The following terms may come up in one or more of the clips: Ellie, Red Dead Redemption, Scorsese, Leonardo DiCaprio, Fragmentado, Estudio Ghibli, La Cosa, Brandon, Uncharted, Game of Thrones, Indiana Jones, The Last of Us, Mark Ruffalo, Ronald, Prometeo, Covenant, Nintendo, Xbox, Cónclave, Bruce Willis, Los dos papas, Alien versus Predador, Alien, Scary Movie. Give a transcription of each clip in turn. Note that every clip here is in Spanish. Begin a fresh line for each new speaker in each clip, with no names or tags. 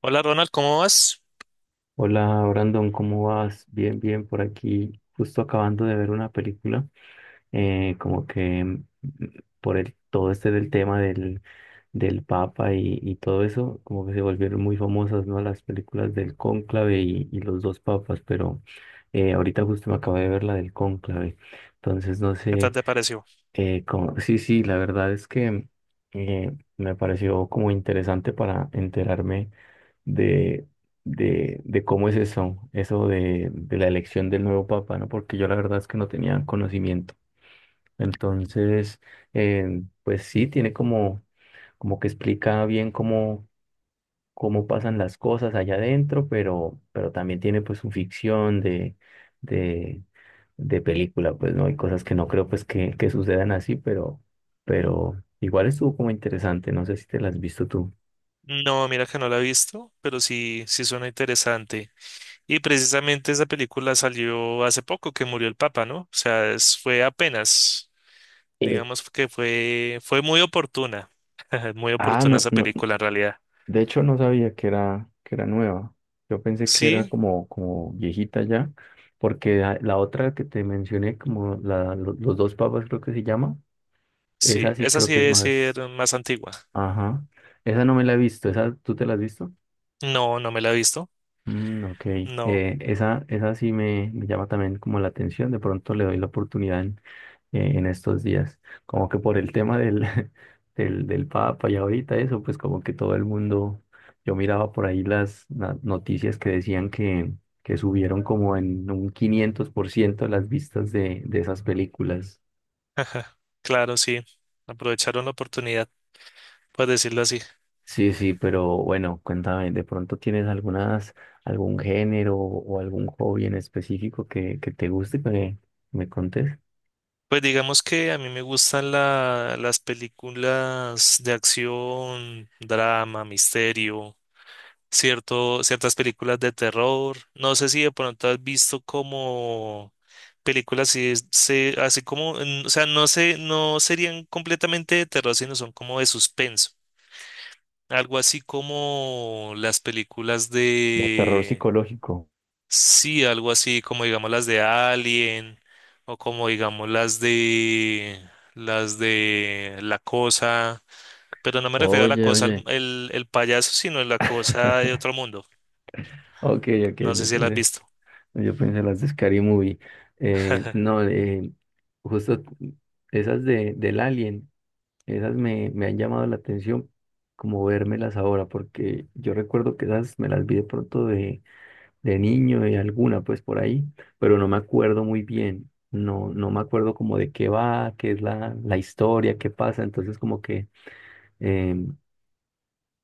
Hola Ronald, ¿cómo vas?
Hola Brandon, ¿cómo vas? Bien, bien, por aquí, justo acabando de ver una película. Como que todo este del tema del Papa y todo eso, como que se volvieron muy famosas, ¿no? Las películas del Cónclave y los dos papas, pero ahorita justo me acabo de ver la del Cónclave. Entonces no
¿Qué tal
sé.
te pareció?
Cómo- sí, sí, la verdad es que eh, me pareció como interesante para enterarme de, de cómo es eso. De la elección del nuevo papa, ¿no? Porque yo la verdad es que no tenía conocimiento. Entonces, pues sí, tiene como, como que explica bien cómo pasan las cosas allá adentro, pero también tiene pues su ficción de, de película. Pues no hay cosas que no creo pues que sucedan así, pero igual estuvo como interesante. No sé si te las has visto tú.
No, mira que no la he visto, pero sí suena interesante. Y precisamente esa película salió hace poco que murió el Papa, ¿no? O sea, fue apenas,
Eh,
digamos que fue muy oportuna, muy oportuna
no,
esa
no,
película en realidad.
de hecho no sabía que era nueva. Yo pensé que era
Sí,
como, como viejita ya, porque la otra que te mencioné, como los dos papas creo que se llama.
sí,
Esa sí
esa
creo
sí
que es
debe
más,
ser más antigua.
ajá, esa no me la he visto. Esa tú te la has visto.
No, no me la he visto,
Mm, ok.
no.
Esa sí me llama también como la atención. De pronto le doy la oportunidad en estos días, como que por el tema del, del Papa. Y ahorita eso, pues como que todo el mundo, yo miraba por ahí las na- noticias que decían que subieron como en un 500% las vistas de esas películas.
Claro, sí, aprovecharon la oportunidad, por decirlo así.
Sí, sí, pero bueno, cuéntame, ¿de pronto tienes algún género o algún hobby en específico que te guste que me contes?
Pues digamos que a mí me gustan las películas de acción, drama, misterio, cierto, ciertas películas de terror. No sé si de pronto has visto como películas así, así como, o sea, no sé, no serían completamente de terror, sino son como de suspenso. Algo así como las películas.
Como terror psicológico.
Sí, algo así como digamos las de Alien o como digamos las de La Cosa, pero no me refiero a La
Oye,
Cosa el,
oye.
el, el payaso, sino a La Cosa de otro mundo.
Ok, ok,
No sé si la has visto.
yo pensé las de Scary Movie. No, justo esas del Alien, esas me han llamado la atención como vérmelas ahora, porque yo recuerdo que esas me las vi de pronto de niño, de alguna, pues por ahí, pero no me acuerdo muy bien. No, no me acuerdo como de qué va, qué es la historia, qué pasa. Entonces como que em,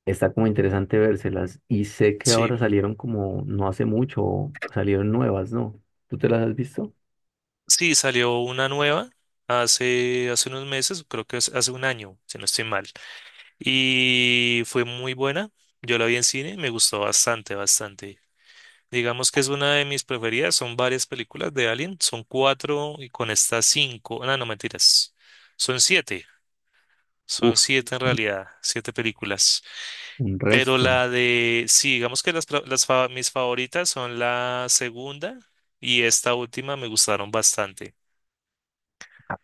está como interesante vérselas. Y sé que ahora
Sí,
salieron como no hace mucho, salieron nuevas, ¿no? ¿Tú te las has visto?
sí, salió una nueva hace unos meses, creo que es hace un año, si no estoy mal, y fue muy buena. Yo la vi en cine, me gustó bastante, bastante. Digamos que es una de mis preferidas. Son varias películas de Alien. Son cuatro y con estas cinco. No, no mentiras. Son siete. Son
Uf,
siete en
un
realidad. Siete películas.
un
Pero
resto.
la de... Sí, digamos que las, pra- las fa- mis favoritas son la segunda y esta última me gustaron bastante.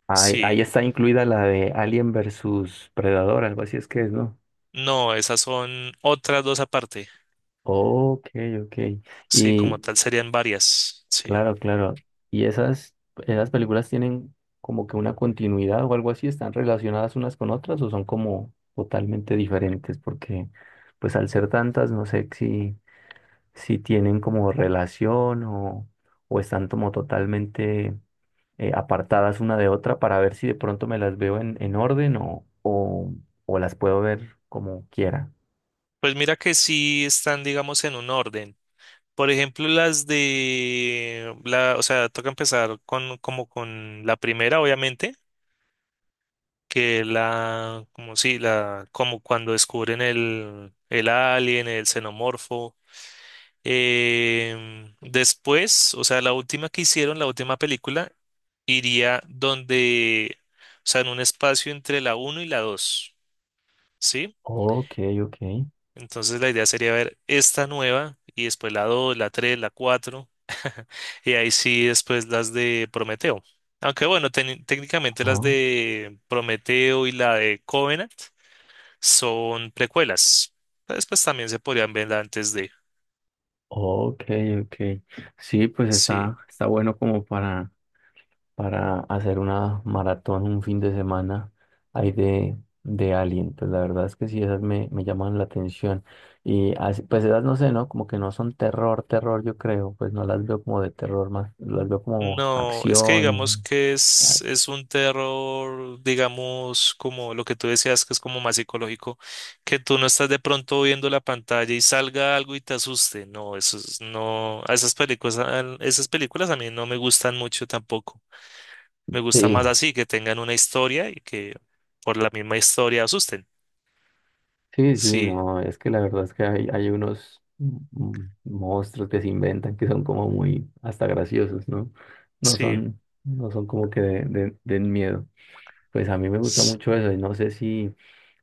Ahí, ahí
Sí.
está incluida la de Alien versus Predador, algo así es que es, ¿no?
No, esas son otras dos aparte.
Ok, ok.
Sí, como
Y
tal serían varias. Sí.
claro, claro. ¿Y esas películas tienen como que una continuidad o algo así? ¿Están relacionadas unas con otras o son como totalmente diferentes? Porque pues al ser tantas, no sé si... si tienen como relación o están como totalmente apartadas una de otra, para ver si de pronto me las veo en orden o las puedo ver como quiera.
Pues mira que sí están, digamos, en un orden. Por ejemplo, o sea, toca empezar con la primera, obviamente, que la, como sí, la, como cuando descubren el alien, el xenomorfo. Después, o sea, la última que hicieron, la última película, iría donde, o sea, en un espacio entre la uno y la dos, ¿sí?
Ok, ok.
Entonces la idea sería ver esta nueva y después la 2, la 3, la 4 y ahí sí después las de Prometeo. Aunque bueno, técnicamente las
Oh,
de Prometeo y la de Covenant son precuelas. Después también se podrían ver antes de...
ok, ok. Sí, pues
Sí.
está bueno como para hacer una maratón un fin de semana ahí de Alien. Pues la verdad es que sí, esas me llaman la atención. Y así, pues esas no sé, ¿no? Como que no son terror, terror, yo creo. Pues no las veo como de terror más, las veo como
No, es que digamos
acción.
que
Ah,
es un terror, digamos, como lo que tú decías, que es como más psicológico, que tú no estás de pronto viendo la pantalla y salga algo y te asuste. No, no, a esas películas, esas películas a mí no me gustan mucho tampoco. Me gusta
sí,
más así, que tengan una historia y que por la misma historia asusten.
sí, sí,
Sí,
no, es que la verdad es que hay unos monstruos que se inventan que son como muy hasta graciosos, ¿no? No
sí,
son, no son como que de, den miedo. Pues a mí me gusta
s-
mucho eso y no sé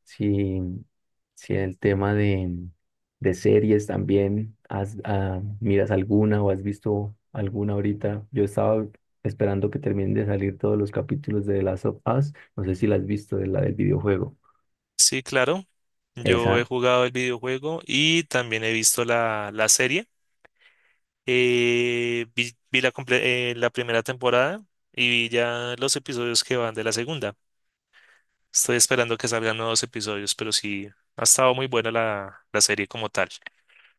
si, si el tema de series también, miras alguna o has visto alguna ahorita. Yo estaba esperando que terminen de salir todos los capítulos de The Last of Us, no sé si la has visto, de la del videojuego.
sí, claro. Yo he
Esa,
jugado el videojuego y también he visto la serie. Vi la primera temporada y vi ya los episodios que van de la segunda. Estoy esperando que salgan nuevos episodios, pero sí, ha estado muy buena la serie como tal.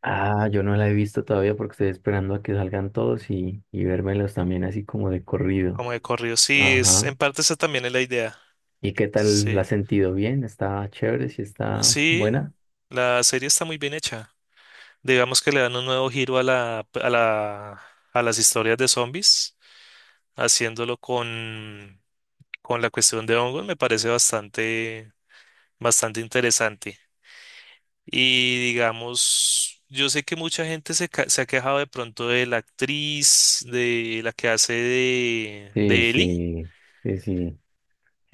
yo no la he visto todavía porque estoy esperando a que salgan todos y vérmelos también así como de corrido.
Como de corrido, sí,
Ajá.
en parte esa también es la idea.
¿Y qué tal la has
Sí,
sentido? ¿Bien? ¿Está chévere? ¿Si está
sí,
buena?
la serie está muy bien hecha. Digamos que le dan un nuevo giro a a las historias de zombies, haciéndolo con la cuestión de hongos, me parece bastante, bastante interesante. Y digamos, yo sé que mucha gente se ha quejado de pronto de la actriz, de la que hace
Sí,
de Ellie.
sí, sí, sí,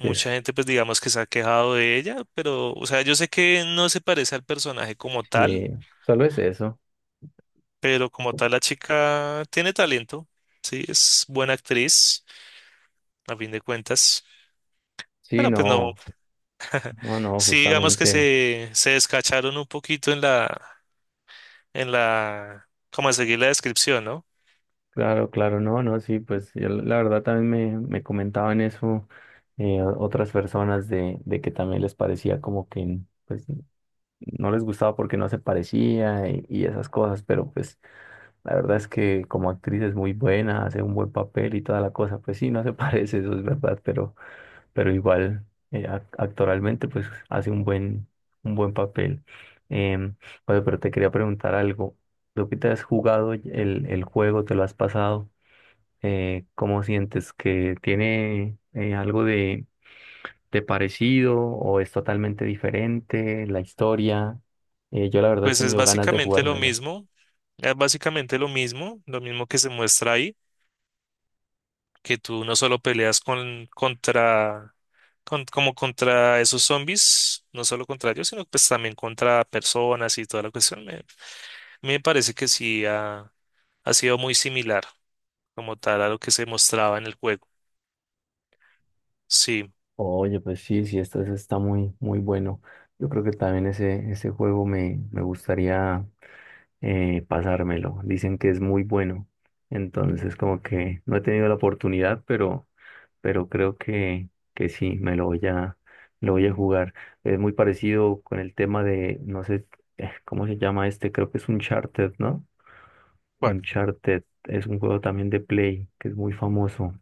sí, es-
gente, pues digamos que se ha quejado de ella, pero, o sea, yo sé que no se parece al personaje como tal,
sí, solo es eso.
pero como tal la chica tiene talento, sí, es buena actriz, a fin de cuentas.
Sí,
Pero pues no,
no, no, no,
sí, digamos que
justamente,
se descacharon un poquito en la, como en seguir la descripción, ¿no?
claro, claro, no, no, sí, pues yo la verdad también me comentaban eso, o- otras personas de que también les parecía como que pues no les gustaba porque no se parecía y esas cosas, pero pues la verdad es que como actriz es muy buena, hace un buen papel y toda la cosa. Pues sí, no se parece, eso es verdad, pero igual ac- actoralmente pues hace un buen papel. Em, oye, pero te quería preguntar algo. ¿Tú que te has jugado el juego, te lo has pasado? ¿Cómo sientes que tiene algo de parecido o es totalmente diferente la historia? Yo la verdad he
Pues es
tenido ganas de
básicamente lo
jugármelo.
mismo. Es básicamente lo mismo que se muestra ahí, que tú no solo peleas contra, con- como contra esos zombies, no solo contra ellos, sino pues también contra personas y toda la cuestión. Me parece que ha sido muy similar como tal a lo que se mostraba en el juego. Sí.
Oye, pues sí, sí, esto es- está muy, muy bueno. Yo creo que también ese juego me gustaría pasármelo. Dicen que es muy bueno. Entonces, como que no he tenido la oportunidad, pero creo que sí, me lo voy a jugar. Es muy parecido con el tema de, no sé, ¿cómo se llama este? Creo que es Uncharted, ¿no?
¿Cuál?
Uncharted es un juego también de Play, que es muy famoso.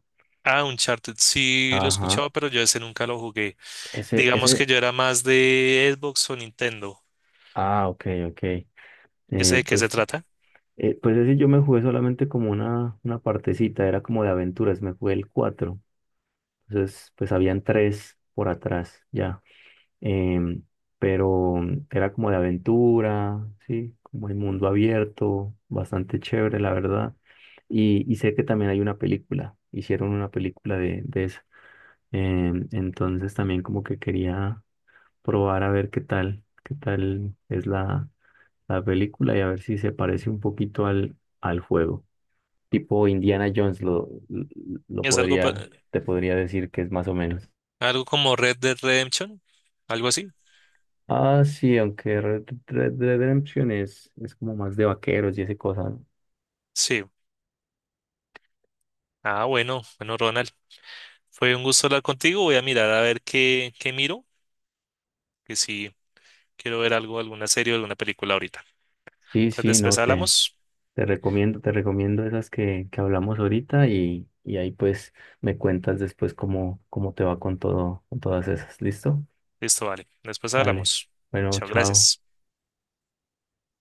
Ah, Uncharted, sí lo he
Ajá.
escuchado, pero yo ese nunca lo jugué.
Ese,
Digamos que
ese,
yo era más de Xbox o Nintendo.
ok, ok.
¿Ese de qué se
Pues,
trata?
pues ese yo me jugué solamente como una partecita, era como de aventuras, me jugué el cuatro. Entonces, pues habían tres por atrás ya. Em, pero era como de aventura, ¿sí? Como el mundo abierto, bastante chévere, la verdad. Y sé que también hay una película, hicieron una película de esa. Entonces también como que quería probar a ver qué tal es la película, y a ver si se parece un poquito al, al juego. Tipo Indiana Jones lo
¿Es algo,
podría, te podría decir que es más o menos.
algo como Red Dead Redemption? ¿Algo así?
Ah, sí, aunque Red Dead Redemption es como más de vaqueros y ese cosa.
Sí. Ah, bueno, bueno, Ronald. Fue un gusto hablar contigo. Voy a mirar a ver qué, qué miro, que si quiero ver algo, alguna serie o alguna película ahorita.
Sí,
Entonces
sí, no,
después hablamos.
te recomiendo esas que hablamos ahorita, y ahí pues me cuentas después cómo te va con todo, con todas esas. ¿Listo?
Listo, vale. Después
Vale.
hablamos.
Bueno,
Chao,
chao.
gracias.